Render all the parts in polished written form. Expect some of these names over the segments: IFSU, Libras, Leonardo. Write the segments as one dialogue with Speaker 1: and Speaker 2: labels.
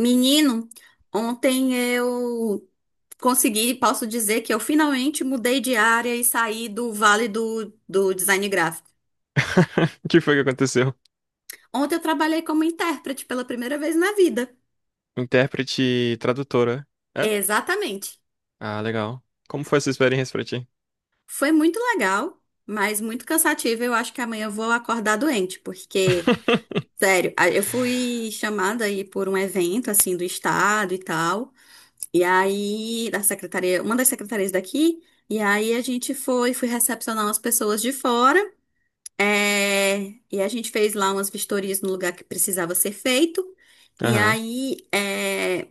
Speaker 1: Menino, ontem eu consegui, posso dizer que eu finalmente mudei de área e saí do vale do design gráfico.
Speaker 2: O que foi que aconteceu?
Speaker 1: Ontem eu trabalhei como intérprete pela primeira vez na vida.
Speaker 2: Intérprete e tradutora. É?
Speaker 1: Exatamente.
Speaker 2: Ah, legal. Como foi essa experiência pra ti?
Speaker 1: Foi muito legal, mas muito cansativo. Eu acho que amanhã eu vou acordar doente, porque, sério, eu fui chamada aí por um evento, assim, do estado e tal. E aí, da secretaria, uma das secretarias daqui. E aí fui recepcionar umas pessoas de fora. É, e a gente fez lá umas vistorias no lugar que precisava ser feito. E
Speaker 2: Aham.
Speaker 1: aí,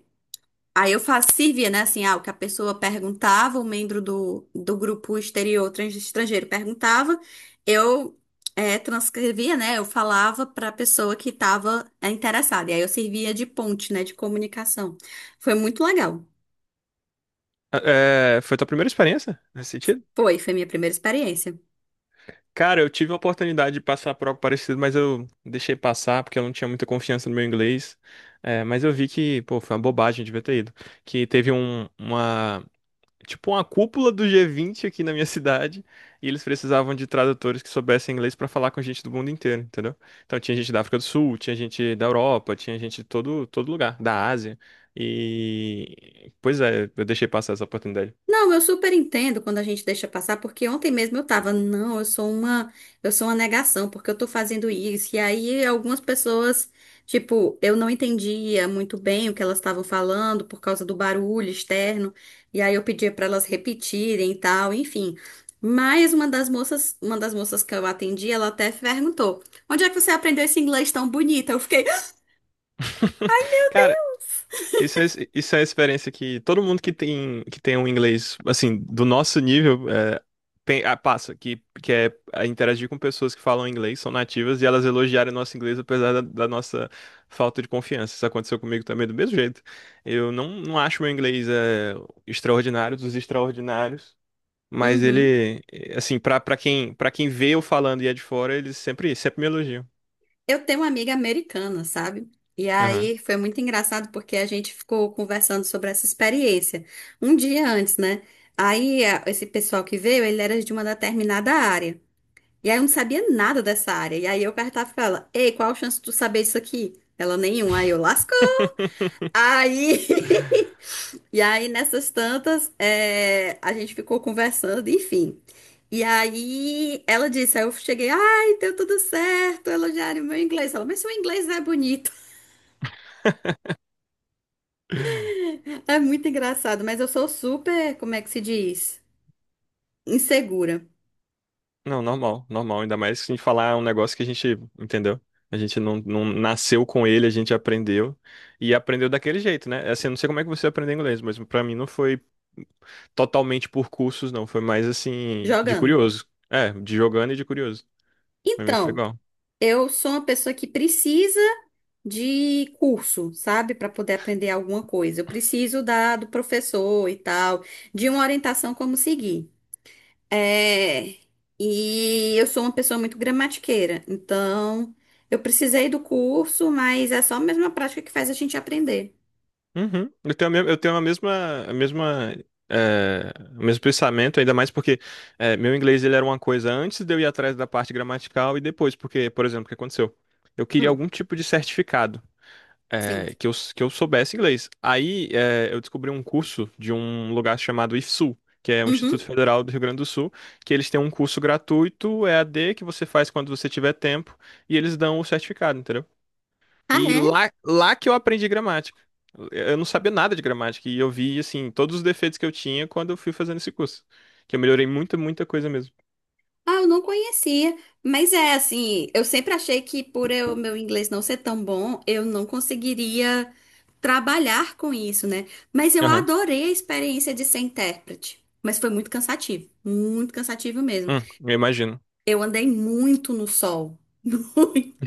Speaker 1: aí eu fazia, servia, né? Assim, ah, o que a pessoa perguntava, o membro do grupo exterior estrangeiro perguntava, eu transcrevia, né? Eu falava para a pessoa que estava interessada. E aí eu servia de ponte, né? De comunicação. Foi muito legal.
Speaker 2: É, foi tua primeira experiência nesse sentido?
Speaker 1: Foi, foi minha primeira experiência.
Speaker 2: Cara, eu tive a oportunidade de passar por algo parecido, mas eu deixei passar porque eu não tinha muita confiança no meu inglês. É, mas eu vi que, pô, foi uma bobagem, eu devia ter ido. Que teve tipo uma cúpula do G20 aqui na minha cidade, e eles precisavam de tradutores que soubessem inglês pra falar com gente do mundo inteiro, entendeu? Então tinha gente da África do Sul, tinha gente da Europa, tinha gente de todo lugar, da Ásia. E pois é, eu deixei passar essa oportunidade.
Speaker 1: Não, eu super entendo quando a gente deixa passar, porque ontem mesmo eu tava, não, eu sou uma negação, porque eu tô fazendo isso. E aí algumas pessoas, tipo, eu não entendia muito bem o que elas estavam falando por causa do barulho externo, e aí eu pedia pra elas repetirem e tal, enfim. Mas uma das moças que eu atendi, ela até perguntou: "Onde é que você aprendeu esse inglês tão bonito?" Eu fiquei,
Speaker 2: Cara, isso é, isso é a experiência que todo mundo que tem um inglês assim do nosso nível tem- ah, passa, que é ah, interagir com pessoas que falam inglês, são nativas, e elas elogiarem o nosso inglês apesar da nossa falta de confiança. Isso aconteceu comigo também do mesmo jeito. Eu não acho meu inglês é, extraordinário, dos extraordinários, mas
Speaker 1: "Uhum."
Speaker 2: ele, assim, pra quem vê eu falando e é de fora, eles sempre me elogiam.
Speaker 1: Eu tenho uma amiga americana, sabe? E
Speaker 2: Aham.
Speaker 1: aí foi muito engraçado porque a gente ficou conversando sobre essa experiência um dia antes, né? Aí esse pessoal que veio, ele era de uma determinada área. E aí eu não sabia nada dessa área. E aí eu perguntava pra ela: "Ei, qual a chance de tu saber isso aqui?" Ela, nenhuma. Aí eu lascou. Aí. E aí, nessas tantas, a gente ficou conversando, enfim. E aí, ela disse, aí eu cheguei, ai, deu tudo certo, elogiaram meu inglês. Ela, mas seu inglês não é bonito. É muito engraçado, mas eu sou super, como é que se diz? Insegura,
Speaker 2: Não, normal, normal. Ainda mais se a gente falar um negócio que a gente entendeu. A gente não nasceu com ele, a gente aprendeu. E aprendeu daquele jeito, né? É. Assim, eu não sei como é que você aprendeu inglês, mas pra mim não foi totalmente por cursos, não. Foi mais assim, de
Speaker 1: jogando.
Speaker 2: curioso. É, de jogando e de curioso. Pra mim foi
Speaker 1: Então,
Speaker 2: igual.
Speaker 1: eu sou uma pessoa que precisa de curso, sabe? Para poder aprender alguma coisa. Eu preciso da, do professor e tal, de uma orientação como seguir. É, e eu sou uma pessoa muito gramatiqueira, então eu precisei do curso, mas é só mesmo a prática que faz a gente aprender.
Speaker 2: Uhum. Eu tenho é, o mesmo pensamento, ainda mais porque é, meu inglês ele era uma coisa antes de eu ir atrás da parte gramatical e depois, porque, por exemplo, o que aconteceu? Eu queria
Speaker 1: Hum,
Speaker 2: algum tipo de certificado.
Speaker 1: sim.
Speaker 2: É, que eu soubesse inglês. Aí é, eu descobri um curso de um lugar chamado IFSU, que é o Instituto
Speaker 1: Uhum.
Speaker 2: Federal do Rio Grande do Sul, que eles têm um curso gratuito EAD que você faz quando você tiver tempo e eles dão o certificado, entendeu?
Speaker 1: Ah,
Speaker 2: E
Speaker 1: é?
Speaker 2: lá que eu aprendi gramática. Eu não sabia nada de gramática e eu vi, assim, todos os defeitos que eu tinha quando eu fui fazendo esse curso. Que eu melhorei muita coisa mesmo.
Speaker 1: Ah, eu não conhecia. Mas é assim, eu sempre achei que por eu, meu inglês não ser tão bom, eu não conseguiria trabalhar com isso, né? Mas eu
Speaker 2: Aham.
Speaker 1: adorei a experiência de ser intérprete. Mas foi muito cansativo mesmo.
Speaker 2: Eu imagino.
Speaker 1: Eu andei muito no sol.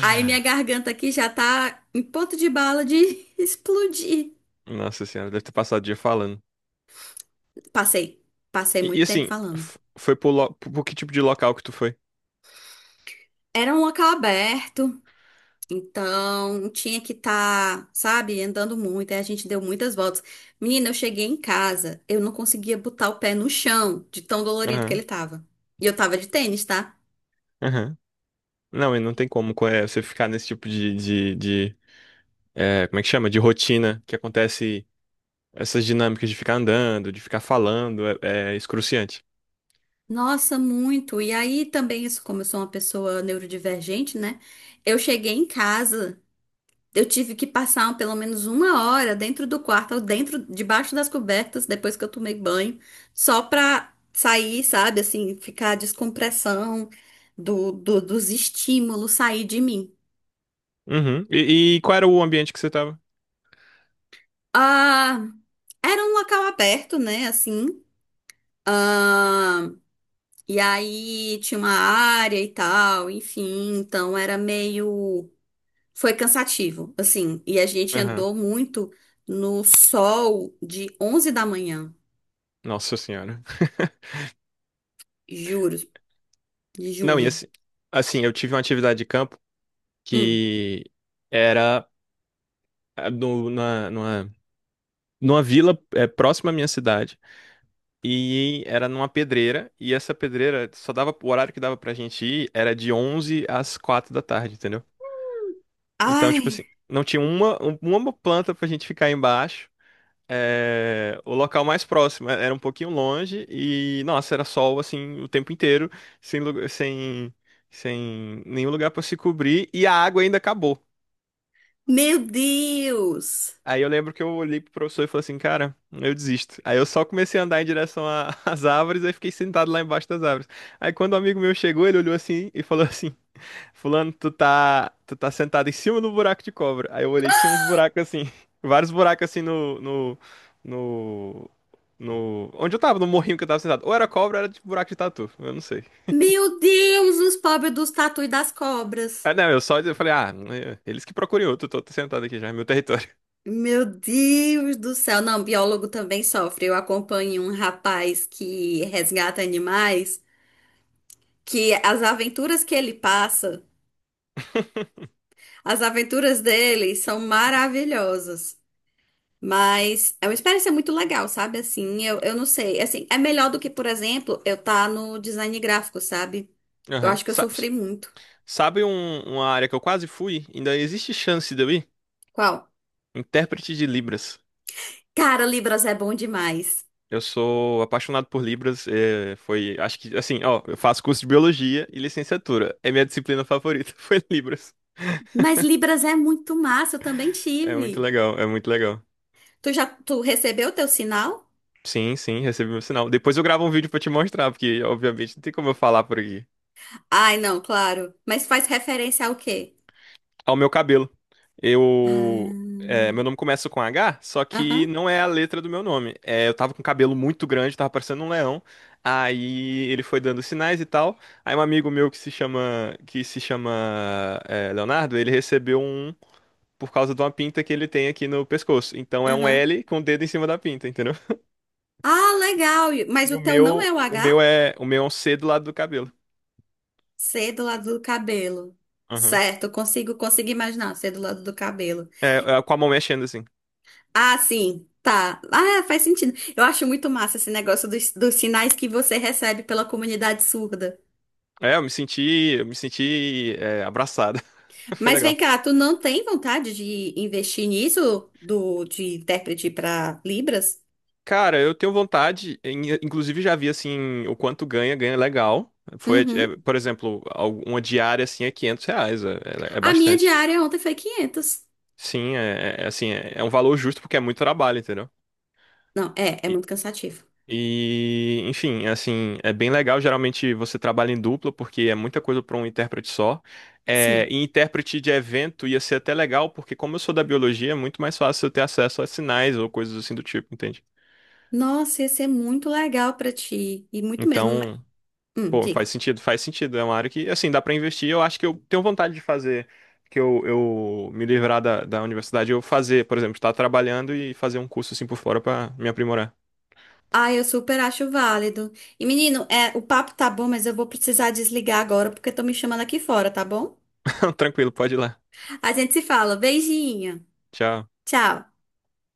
Speaker 1: Aí minha garganta aqui já tá em ponto de bala de explodir.
Speaker 2: Nossa senhora, deve ter passado o dia falando.
Speaker 1: Passei, passei
Speaker 2: E
Speaker 1: muito tempo
Speaker 2: assim,
Speaker 1: falando.
Speaker 2: f- foi pro, lo- pro que tipo de local que tu foi?
Speaker 1: Era um local aberto, então tinha que estar, sabe, andando muito. Aí a gente deu muitas voltas. Menina, eu cheguei em casa, eu não conseguia botar o pé no chão, de tão dolorido que ele
Speaker 2: Aham,
Speaker 1: tava. E eu tava de tênis, tá?
Speaker 2: aham. Não, e não tem como co- é, você ficar nesse tipo de, é, como é que chama? De rotina que acontece essas dinâmicas de ficar andando, de ficar falando, é, é excruciante.
Speaker 1: Nossa, muito. E aí também, isso, como eu sou uma pessoa neurodivergente, né? Eu cheguei em casa. Eu tive que passar pelo menos uma hora dentro do quarto, ou dentro, debaixo das cobertas, depois que eu tomei banho, só pra sair, sabe, assim, ficar a descompressão do, dos estímulos sair de mim.
Speaker 2: Uhum. E qual era o ambiente que você tava?
Speaker 1: Ah, era um local aberto, né, assim. Ah, e aí tinha uma área e tal, enfim, então era meio. Foi cansativo, assim, e a gente
Speaker 2: Aham.
Speaker 1: andou muito no sol de 11 da manhã.
Speaker 2: Nossa senhora.
Speaker 1: Juro,
Speaker 2: Não, e
Speaker 1: juro.
Speaker 2: assim, assim, eu tive uma atividade de campo
Speaker 1: Hum.
Speaker 2: que era ah, no, na, numa, numa vila é, próxima à minha cidade. E era numa pedreira, e essa pedreira só dava, o horário que dava pra gente ir era de 11 às 4 da tarde, entendeu? Então, tipo assim,
Speaker 1: Ai,
Speaker 2: não tinha uma planta pra gente ficar embaixo. É, o local mais próximo era um pouquinho longe e, nossa, era sol assim o tempo inteiro, sem, lu- sem, nenhum lugar pra se cobrir, e a água ainda acabou.
Speaker 1: meu Deus!
Speaker 2: Aí eu lembro que eu olhei pro professor e falei assim, cara, eu desisto. Aí eu só comecei a andar em direção a- às árvores, aí fiquei sentado lá embaixo das árvores. Aí quando um amigo meu chegou, ele olhou assim e falou assim, Fulano, tu tá sentado em cima do buraco de cobra. Aí eu olhei, tinha uns buracos assim, vários buracos assim no, onde eu tava, no morrinho que eu tava sentado. Ou era cobra, ou era de buraco de tatu, eu não sei.
Speaker 1: Meu Deus, os pobres dos tatu e das cobras.
Speaker 2: Ah, não, eu só eu falei, ah, é, eles que procurem outro, tô sentado aqui já, é meu território.
Speaker 1: Meu Deus do céu. Não, biólogo também sofre. Eu acompanho um rapaz que resgata animais, que as aventuras que ele passa, as aventuras dele são maravilhosas. Mas é uma experiência muito legal, sabe? Assim, eu não sei. Assim, é melhor do que, por exemplo, eu estar no design gráfico, sabe? Eu
Speaker 2: Aham.
Speaker 1: acho que eu sofri muito.
Speaker 2: Sabe um- uma área que eu quase fui? Ainda existe chance de eu ir?
Speaker 1: Qual?
Speaker 2: Intérprete de Libras.
Speaker 1: Cara, Libras é bom demais.
Speaker 2: Eu sou apaixonado por Libras. É, foi, acho que, assim, ó, eu faço curso de biologia e licenciatura. É minha disciplina favorita, foi Libras.
Speaker 1: Mas Libras é muito massa, eu também
Speaker 2: É muito
Speaker 1: tive.
Speaker 2: legal, é muito legal.
Speaker 1: Tu já, tu recebeu o teu sinal?
Speaker 2: Sim, sim, recebi meu sinal. Depois eu gravo um vídeo pra te mostrar, porque obviamente não tem como eu falar por aqui.
Speaker 1: Ai, não, claro. Mas faz referência ao quê?
Speaker 2: Ao meu cabelo. Eu.
Speaker 1: Ah,
Speaker 2: É, meu nome começa com H, só que
Speaker 1: aham,
Speaker 2: não é a letra do meu nome. É, eu tava com um cabelo muito grande, tava parecendo um leão. Aí ele foi dando sinais e tal. Aí um amigo meu que se chama é, Leonardo, ele recebeu um por causa de uma pinta que ele tem aqui no pescoço. Então é um
Speaker 1: aham.
Speaker 2: L com o dedo em cima da pinta, entendeu?
Speaker 1: Ah, legal. E- mas
Speaker 2: E
Speaker 1: o teu não é o H?
Speaker 2: o meu é um C do lado do cabelo.
Speaker 1: C do lado do cabelo.
Speaker 2: Aham.
Speaker 1: Certo, consigo imaginar C do lado do cabelo.
Speaker 2: É, é, com a mão mexendo assim.
Speaker 1: Ah, sim, tá. Ah, faz sentido. Eu acho muito massa esse negócio dos sinais que você recebe pela comunidade surda.
Speaker 2: É, eu me senti é, abraçado. Foi
Speaker 1: Mas vem
Speaker 2: legal.
Speaker 1: cá, tu não tem vontade de investir nisso do de intérprete para Libras?
Speaker 2: Cara, eu tenho vontade, em- inclusive já vi assim o quanto ganha, ganha legal. Foi,
Speaker 1: Uhum.
Speaker 2: é, por exemplo, al- uma diária assim é 500 reais, é, é- é
Speaker 1: A minha
Speaker 2: bastante.
Speaker 1: diária ontem foi 500.
Speaker 2: Sim, é, é- é, assim, é, é um valor justo porque é muito trabalho, entendeu?
Speaker 1: Não, é, é
Speaker 2: E,
Speaker 1: muito cansativo.
Speaker 2: e, enfim, assim, é bem legal. Geralmente você trabalha em dupla porque é muita coisa para um intérprete só. É,
Speaker 1: Sim.
Speaker 2: e intérprete de evento ia ser até legal porque como eu sou da biologia, é muito mais fácil eu ter acesso a sinais ou coisas assim do tipo, entende?
Speaker 1: Nossa, ia ser muito legal pra ti e muito mesmo. Mas-
Speaker 2: Então,
Speaker 1: hum,
Speaker 2: pô,
Speaker 1: diga.
Speaker 2: faz sentido, faz sentido. É uma área que, assim, dá pra investir. Eu acho que eu tenho vontade de fazer, que eu me livrar da, da universidade, eu fazer, por exemplo, estar trabalhando e fazer um curso assim por fora pra me aprimorar.
Speaker 1: Ah, eu super acho válido. E menino, é, o papo tá bom, mas eu vou precisar desligar agora porque estão me chamando aqui fora, tá bom?
Speaker 2: Tranquilo, pode ir lá.
Speaker 1: A gente se fala. Beijinho.
Speaker 2: Tchau.
Speaker 1: Tchau.